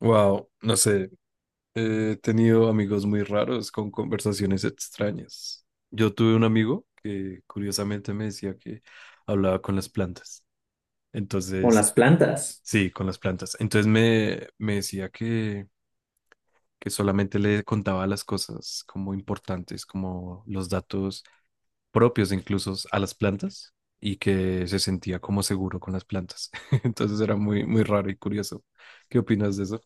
Wow, no sé, he tenido amigos muy raros con conversaciones extrañas. Yo tuve un amigo que curiosamente me decía que hablaba con las plantas. Con Entonces, las plantas. sí, con las plantas. Entonces me decía que solamente le contaba las cosas como importantes, como los datos propios incluso a las plantas y que se sentía como seguro con las plantas. Entonces era muy, muy raro y curioso. ¿Qué opinas de eso?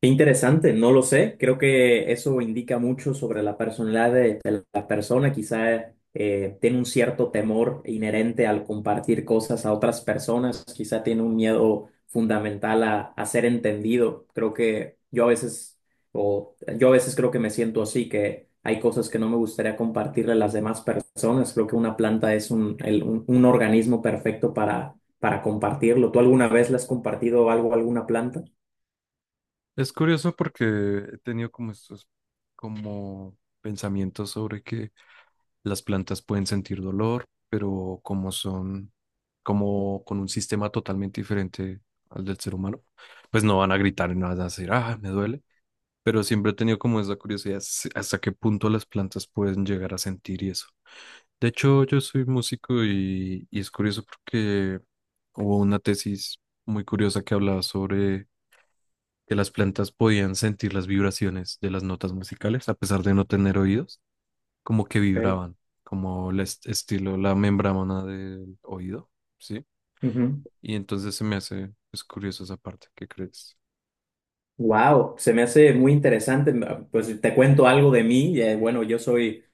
Qué interesante, no lo sé. Creo que eso indica mucho sobre la personalidad de la persona. Quizá tiene un cierto temor inherente al compartir cosas a otras personas. Quizá tiene un miedo fundamental a ser entendido. Creo que yo a veces creo que me siento así, que hay cosas que no me gustaría compartirle a las demás personas. Creo que una planta es un organismo perfecto para compartirlo. ¿Tú alguna vez le has compartido algo a alguna planta? Es curioso porque he tenido como estos como pensamientos sobre que las plantas pueden sentir dolor, pero como son como con un sistema totalmente diferente al del ser humano, pues no van a gritar y no van a decir, ah, me duele. Pero siempre he tenido como esa curiosidad hasta qué punto las plantas pueden llegar a sentir y eso. De hecho, yo soy músico y es curioso porque hubo una tesis muy curiosa que hablaba sobre que las plantas podían sentir las vibraciones de las notas musicales, a pesar de no tener oídos, como que vibraban, como el estilo, la membrana del oído, ¿sí? Y entonces se me hace, es curioso esa parte, ¿qué crees? Wow, se me hace muy interesante. Pues te cuento algo de mí. Bueno, yo soy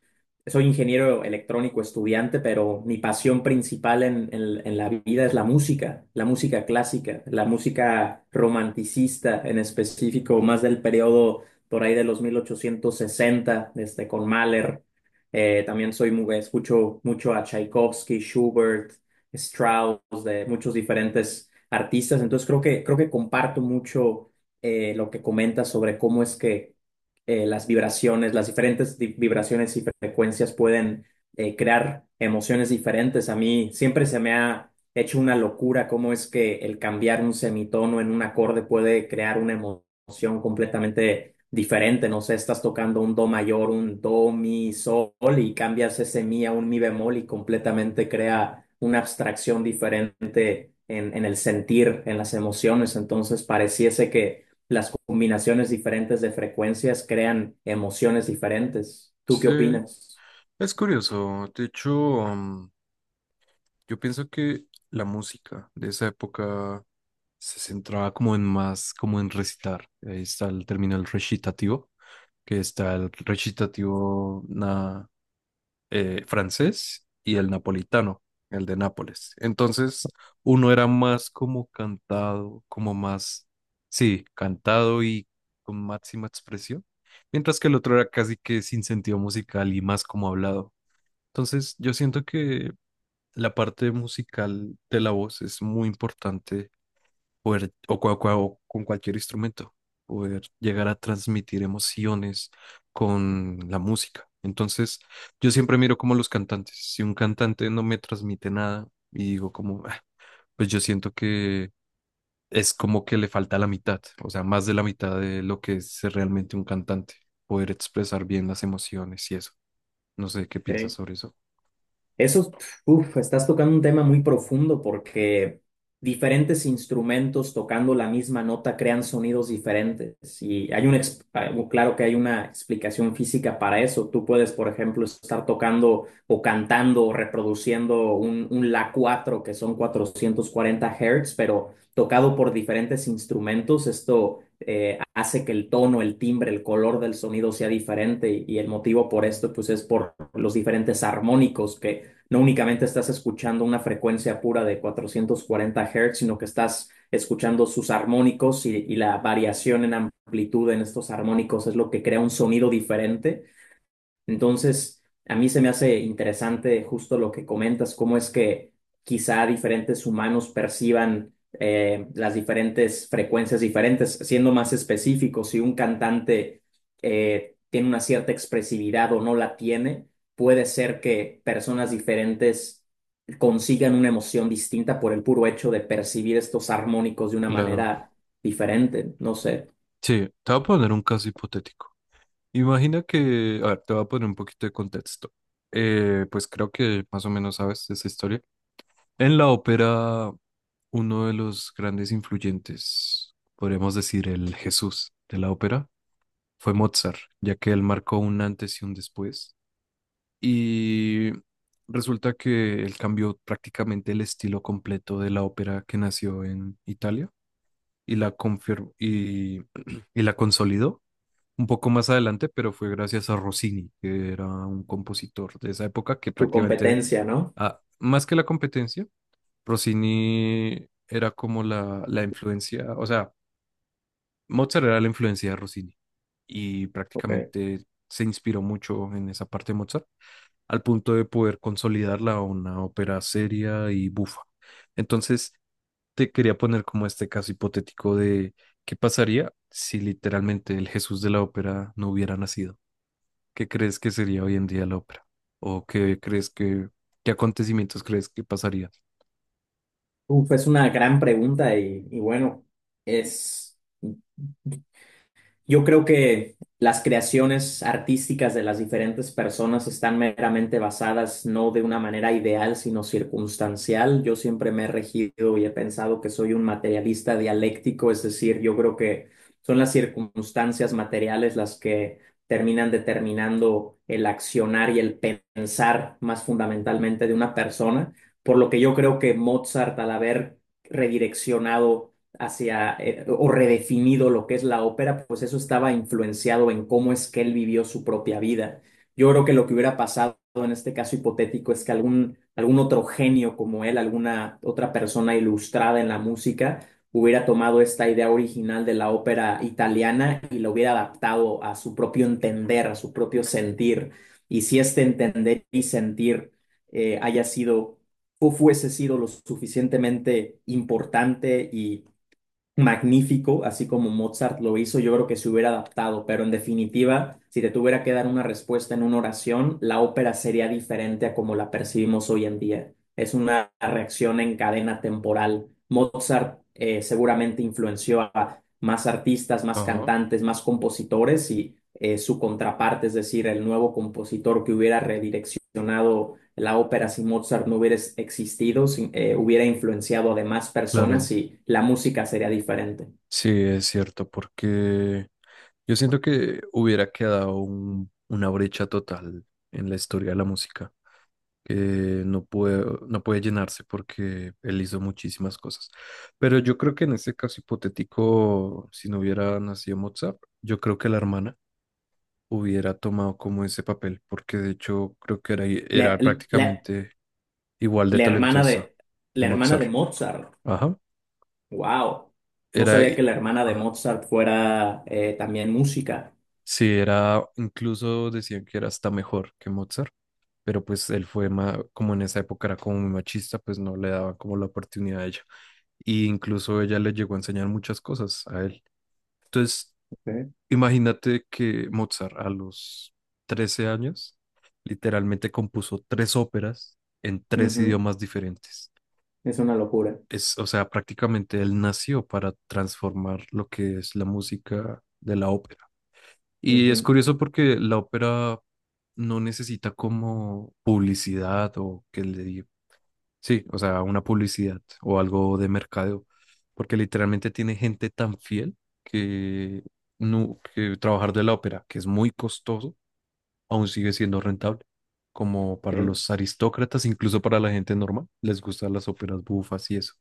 Soy ingeniero electrónico estudiante, pero mi pasión principal en la vida es la música clásica, la música romanticista en específico, más del periodo por ahí de los 1860, con Mahler. También escucho mucho a Tchaikovsky, Schubert, Strauss, de muchos diferentes artistas. Entonces creo que comparto mucho lo que comentas sobre cómo es que las vibraciones, las diferentes vibraciones y frecuencias pueden crear emociones diferentes. A mí siempre se me ha hecho una locura cómo es que el cambiar un semitono en un acorde puede crear una emoción completamente diferente. No sé, estás tocando un do mayor, un do, mi, sol y cambias ese mi a un mi bemol y completamente crea una abstracción diferente en el sentir, en las emociones. Entonces pareciese que las combinaciones diferentes de frecuencias crean emociones diferentes. ¿Tú qué Sí, opinas? es curioso. De hecho, mm, yo pienso que la música de esa época se centraba como en más, como en recitar. Ahí está el término el recitativo, que está el recitativo francés y el napolitano, el de Nápoles. Entonces, uno era más como cantado, como más, sí, cantado y con máxima expresión, mientras que el otro era casi que sin sentido musical y más como hablado. Entonces, yo siento que la parte musical de la voz es muy importante poder, o, o con cualquier instrumento, poder llegar a transmitir emociones con la música. Entonces, yo siempre miro como los cantantes. Si un cantante no me transmite nada y digo como, "Ah", pues yo siento que es como que le falta la mitad, o sea, más de la mitad de lo que es ser realmente un cantante, poder expresar bien las emociones y eso. No sé qué piensas Ok. sobre eso. Eso, uf, estás tocando un tema muy profundo porque diferentes instrumentos tocando la misma nota crean sonidos diferentes y hay claro que hay una explicación física para eso. Tú puedes, por ejemplo, estar tocando o cantando o reproduciendo un La 4 que son 440 Hz, pero tocado por diferentes instrumentos, esto hace que el tono, el timbre, el color del sonido sea diferente y el motivo por esto pues es por los diferentes armónicos que no únicamente estás escuchando una frecuencia pura de 440 Hz, sino que estás escuchando sus armónicos y la variación en amplitud en estos armónicos es lo que crea un sonido diferente. Entonces, a mí se me hace interesante justo lo que comentas, cómo es que quizá diferentes humanos perciban las diferentes frecuencias diferentes. Siendo más específico, si un cantante tiene una cierta expresividad o no la tiene, puede ser que personas diferentes consigan una emoción distinta por el puro hecho de percibir estos armónicos de una Claro. manera diferente. No sé, Sí, te voy a poner un caso hipotético. Imagina que, a ver, te voy a poner un poquito de contexto. Pues creo que más o menos sabes esa historia. En la ópera, uno de los grandes influyentes, podríamos decir el Jesús de la ópera, fue Mozart, ya que él marcó un antes y un después. Y resulta que él cambió prácticamente el estilo completo de la ópera que nació en Italia y la confirmó y, y la consolidó un poco más adelante, pero fue gracias a Rossini, que era un compositor de esa época que tu prácticamente, competencia, ¿no? ah, más que la competencia, Rossini era como la influencia, o sea, Mozart era la influencia de Rossini y Ok. prácticamente se inspiró mucho en esa parte de Mozart, al punto de poder consolidarla a una ópera seria y bufa. Entonces, te quería poner como este caso hipotético de qué pasaría si literalmente el Jesús de la ópera no hubiera nacido. ¿Qué crees que sería hoy en día la ópera? ¿O qué crees que, qué acontecimientos crees que pasaría? Uf, es una gran pregunta y bueno, es, yo creo que las creaciones artísticas de las diferentes personas están meramente basadas no de una manera ideal, sino circunstancial. Yo siempre me he regido y he pensado que soy un materialista dialéctico, es decir, yo creo que son las circunstancias materiales las que terminan determinando el accionar y el pensar más fundamentalmente de una persona, por lo que yo creo que Mozart, al haber redireccionado hacia o redefinido lo que es la ópera, pues eso estaba influenciado en cómo es que él vivió su propia vida. Yo creo que lo que hubiera pasado en este caso hipotético es que algún otro genio como él, alguna otra persona ilustrada en la música, hubiera tomado esta idea original de la ópera italiana y lo hubiera adaptado a su propio entender, a su propio sentir. Y si este entender y sentir haya sido o fuese sido lo suficientemente importante y magnífico, así como Mozart lo hizo, yo creo que se hubiera adaptado, pero en definitiva, si te tuviera que dar una respuesta en una oración, la ópera sería diferente a como la percibimos hoy en día. Es una reacción en cadena temporal. Mozart seguramente influenció a más artistas, más Ajá. cantantes, más compositores y su contraparte, es decir, el nuevo compositor que hubiera redireccionado la ópera si Mozart no hubiera existido, hubiera influenciado a demás Claro, personas y la música sería diferente. sí, es cierto, porque yo siento que hubiera quedado una brecha total en la historia de la música, que no puede llenarse porque él hizo muchísimas cosas. Pero yo creo que en ese caso hipotético, si no hubiera nacido Mozart, yo creo que la hermana hubiera tomado como ese papel, porque de hecho creo que La, era la- prácticamente igual de la hermana talentosa de, de la hermana Mozart. de Mozart, Ajá. wow. No Era, sabía que la hermana de ajá. Mozart fuera también música. Sí, era, incluso decían que era hasta mejor que Mozart, pero pues él fue como en esa época era como muy machista, pues no le daban como la oportunidad a ella. Y incluso ella le llegó a enseñar muchas cosas a él. Entonces, Ok. imagínate que Mozart a los 13 años literalmente compuso 3 óperas en tres Ujú. idiomas diferentes. Es una locura. Es, o sea, prácticamente él nació para transformar lo que es la música de la ópera. Y es Ujú, curioso porque la ópera no necesita como publicidad o que le diga, sí, o sea, una publicidad o algo de mercadeo, porque literalmente tiene gente tan fiel que, no, que trabajar de la ópera, que es muy costoso, aún sigue siendo rentable. Como para sí. los aristócratas, incluso para la gente normal, les gustan las óperas bufas y eso.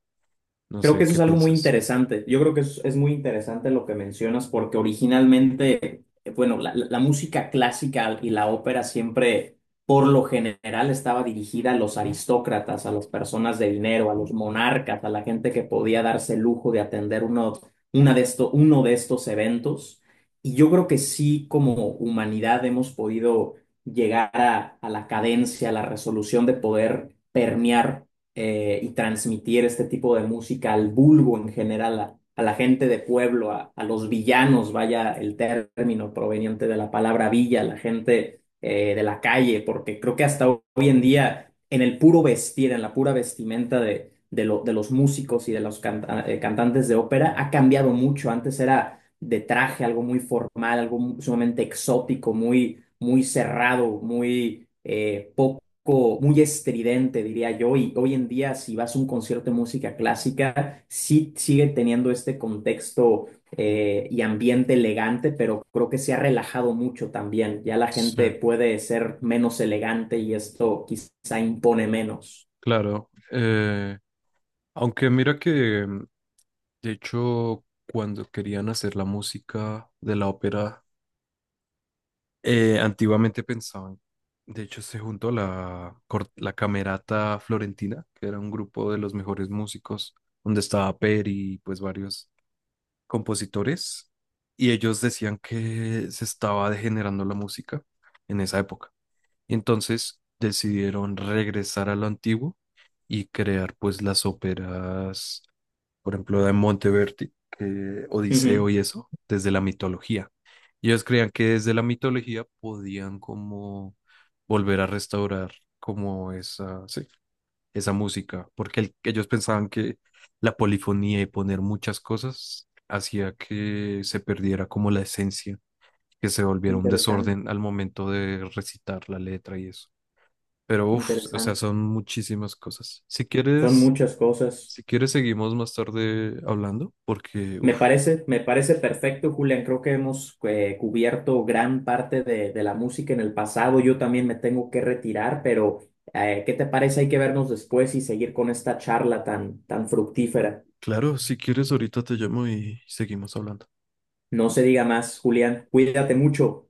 No Creo sé, que eso ¿qué es algo muy piensas? interesante. Yo creo que es muy interesante lo que mencionas porque originalmente, bueno, la música clásica y la ópera siempre, por lo general, estaba dirigida a los aristócratas, a las personas de dinero, a los monarcas, a la gente que podía darse el lujo de atender uno de estos eventos. Y yo creo que sí, como humanidad, hemos podido llegar a la cadencia, a la resolución de poder permear y transmitir este tipo de música al vulgo en general, a la gente de pueblo, a los villanos, vaya el término proveniente de la palabra villa, la gente de la calle, porque creo que hasta hoy en día en el puro vestir, en la pura vestimenta de los músicos y de los cantantes de ópera ha cambiado mucho. Antes era de traje, algo muy formal, algo sumamente exótico, muy, muy cerrado, muy estridente, diría yo, y hoy en día si vas a un concierto de música clásica, sí sigue teniendo este contexto y ambiente elegante, pero creo que se ha relajado mucho también. Ya la Sí, gente puede ser menos elegante y esto quizá impone menos. claro. Aunque mira que, de hecho, cuando querían hacer la música de la ópera, antiguamente pensaban, de hecho, se juntó la, la Camerata Florentina, que era un grupo de los mejores músicos, donde estaba Peri y pues varios compositores, y ellos decían que se estaba degenerando la música en esa época. Y entonces decidieron regresar a lo antiguo y crear pues las óperas, por ejemplo, de Monteverdi, que- Odiseo Ujú. y eso, desde la mitología. Y ellos creían que desde la mitología podían como volver a restaurar como esa, sí, esa música, porque ellos pensaban que la polifonía y poner muchas cosas hacía que se perdiera como la esencia, que se volviera un Interesante, desorden al momento de recitar la letra y eso. Pero uff, o sea, interesante. son muchísimas cosas. Si Son quieres, muchas cosas. si quieres seguimos más tarde hablando, porque Me uff, parece, me parece perfecto, Julián. Creo que hemos cubierto gran parte de la música en el pasado. Yo también me tengo que retirar, pero ¿qué te parece? Hay que vernos después y seguir con esta charla tan, tan fructífera. claro, si quieres ahorita te llamo y seguimos hablando. No se diga más, Julián. Cuídate mucho.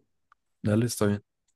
Dale, está bien.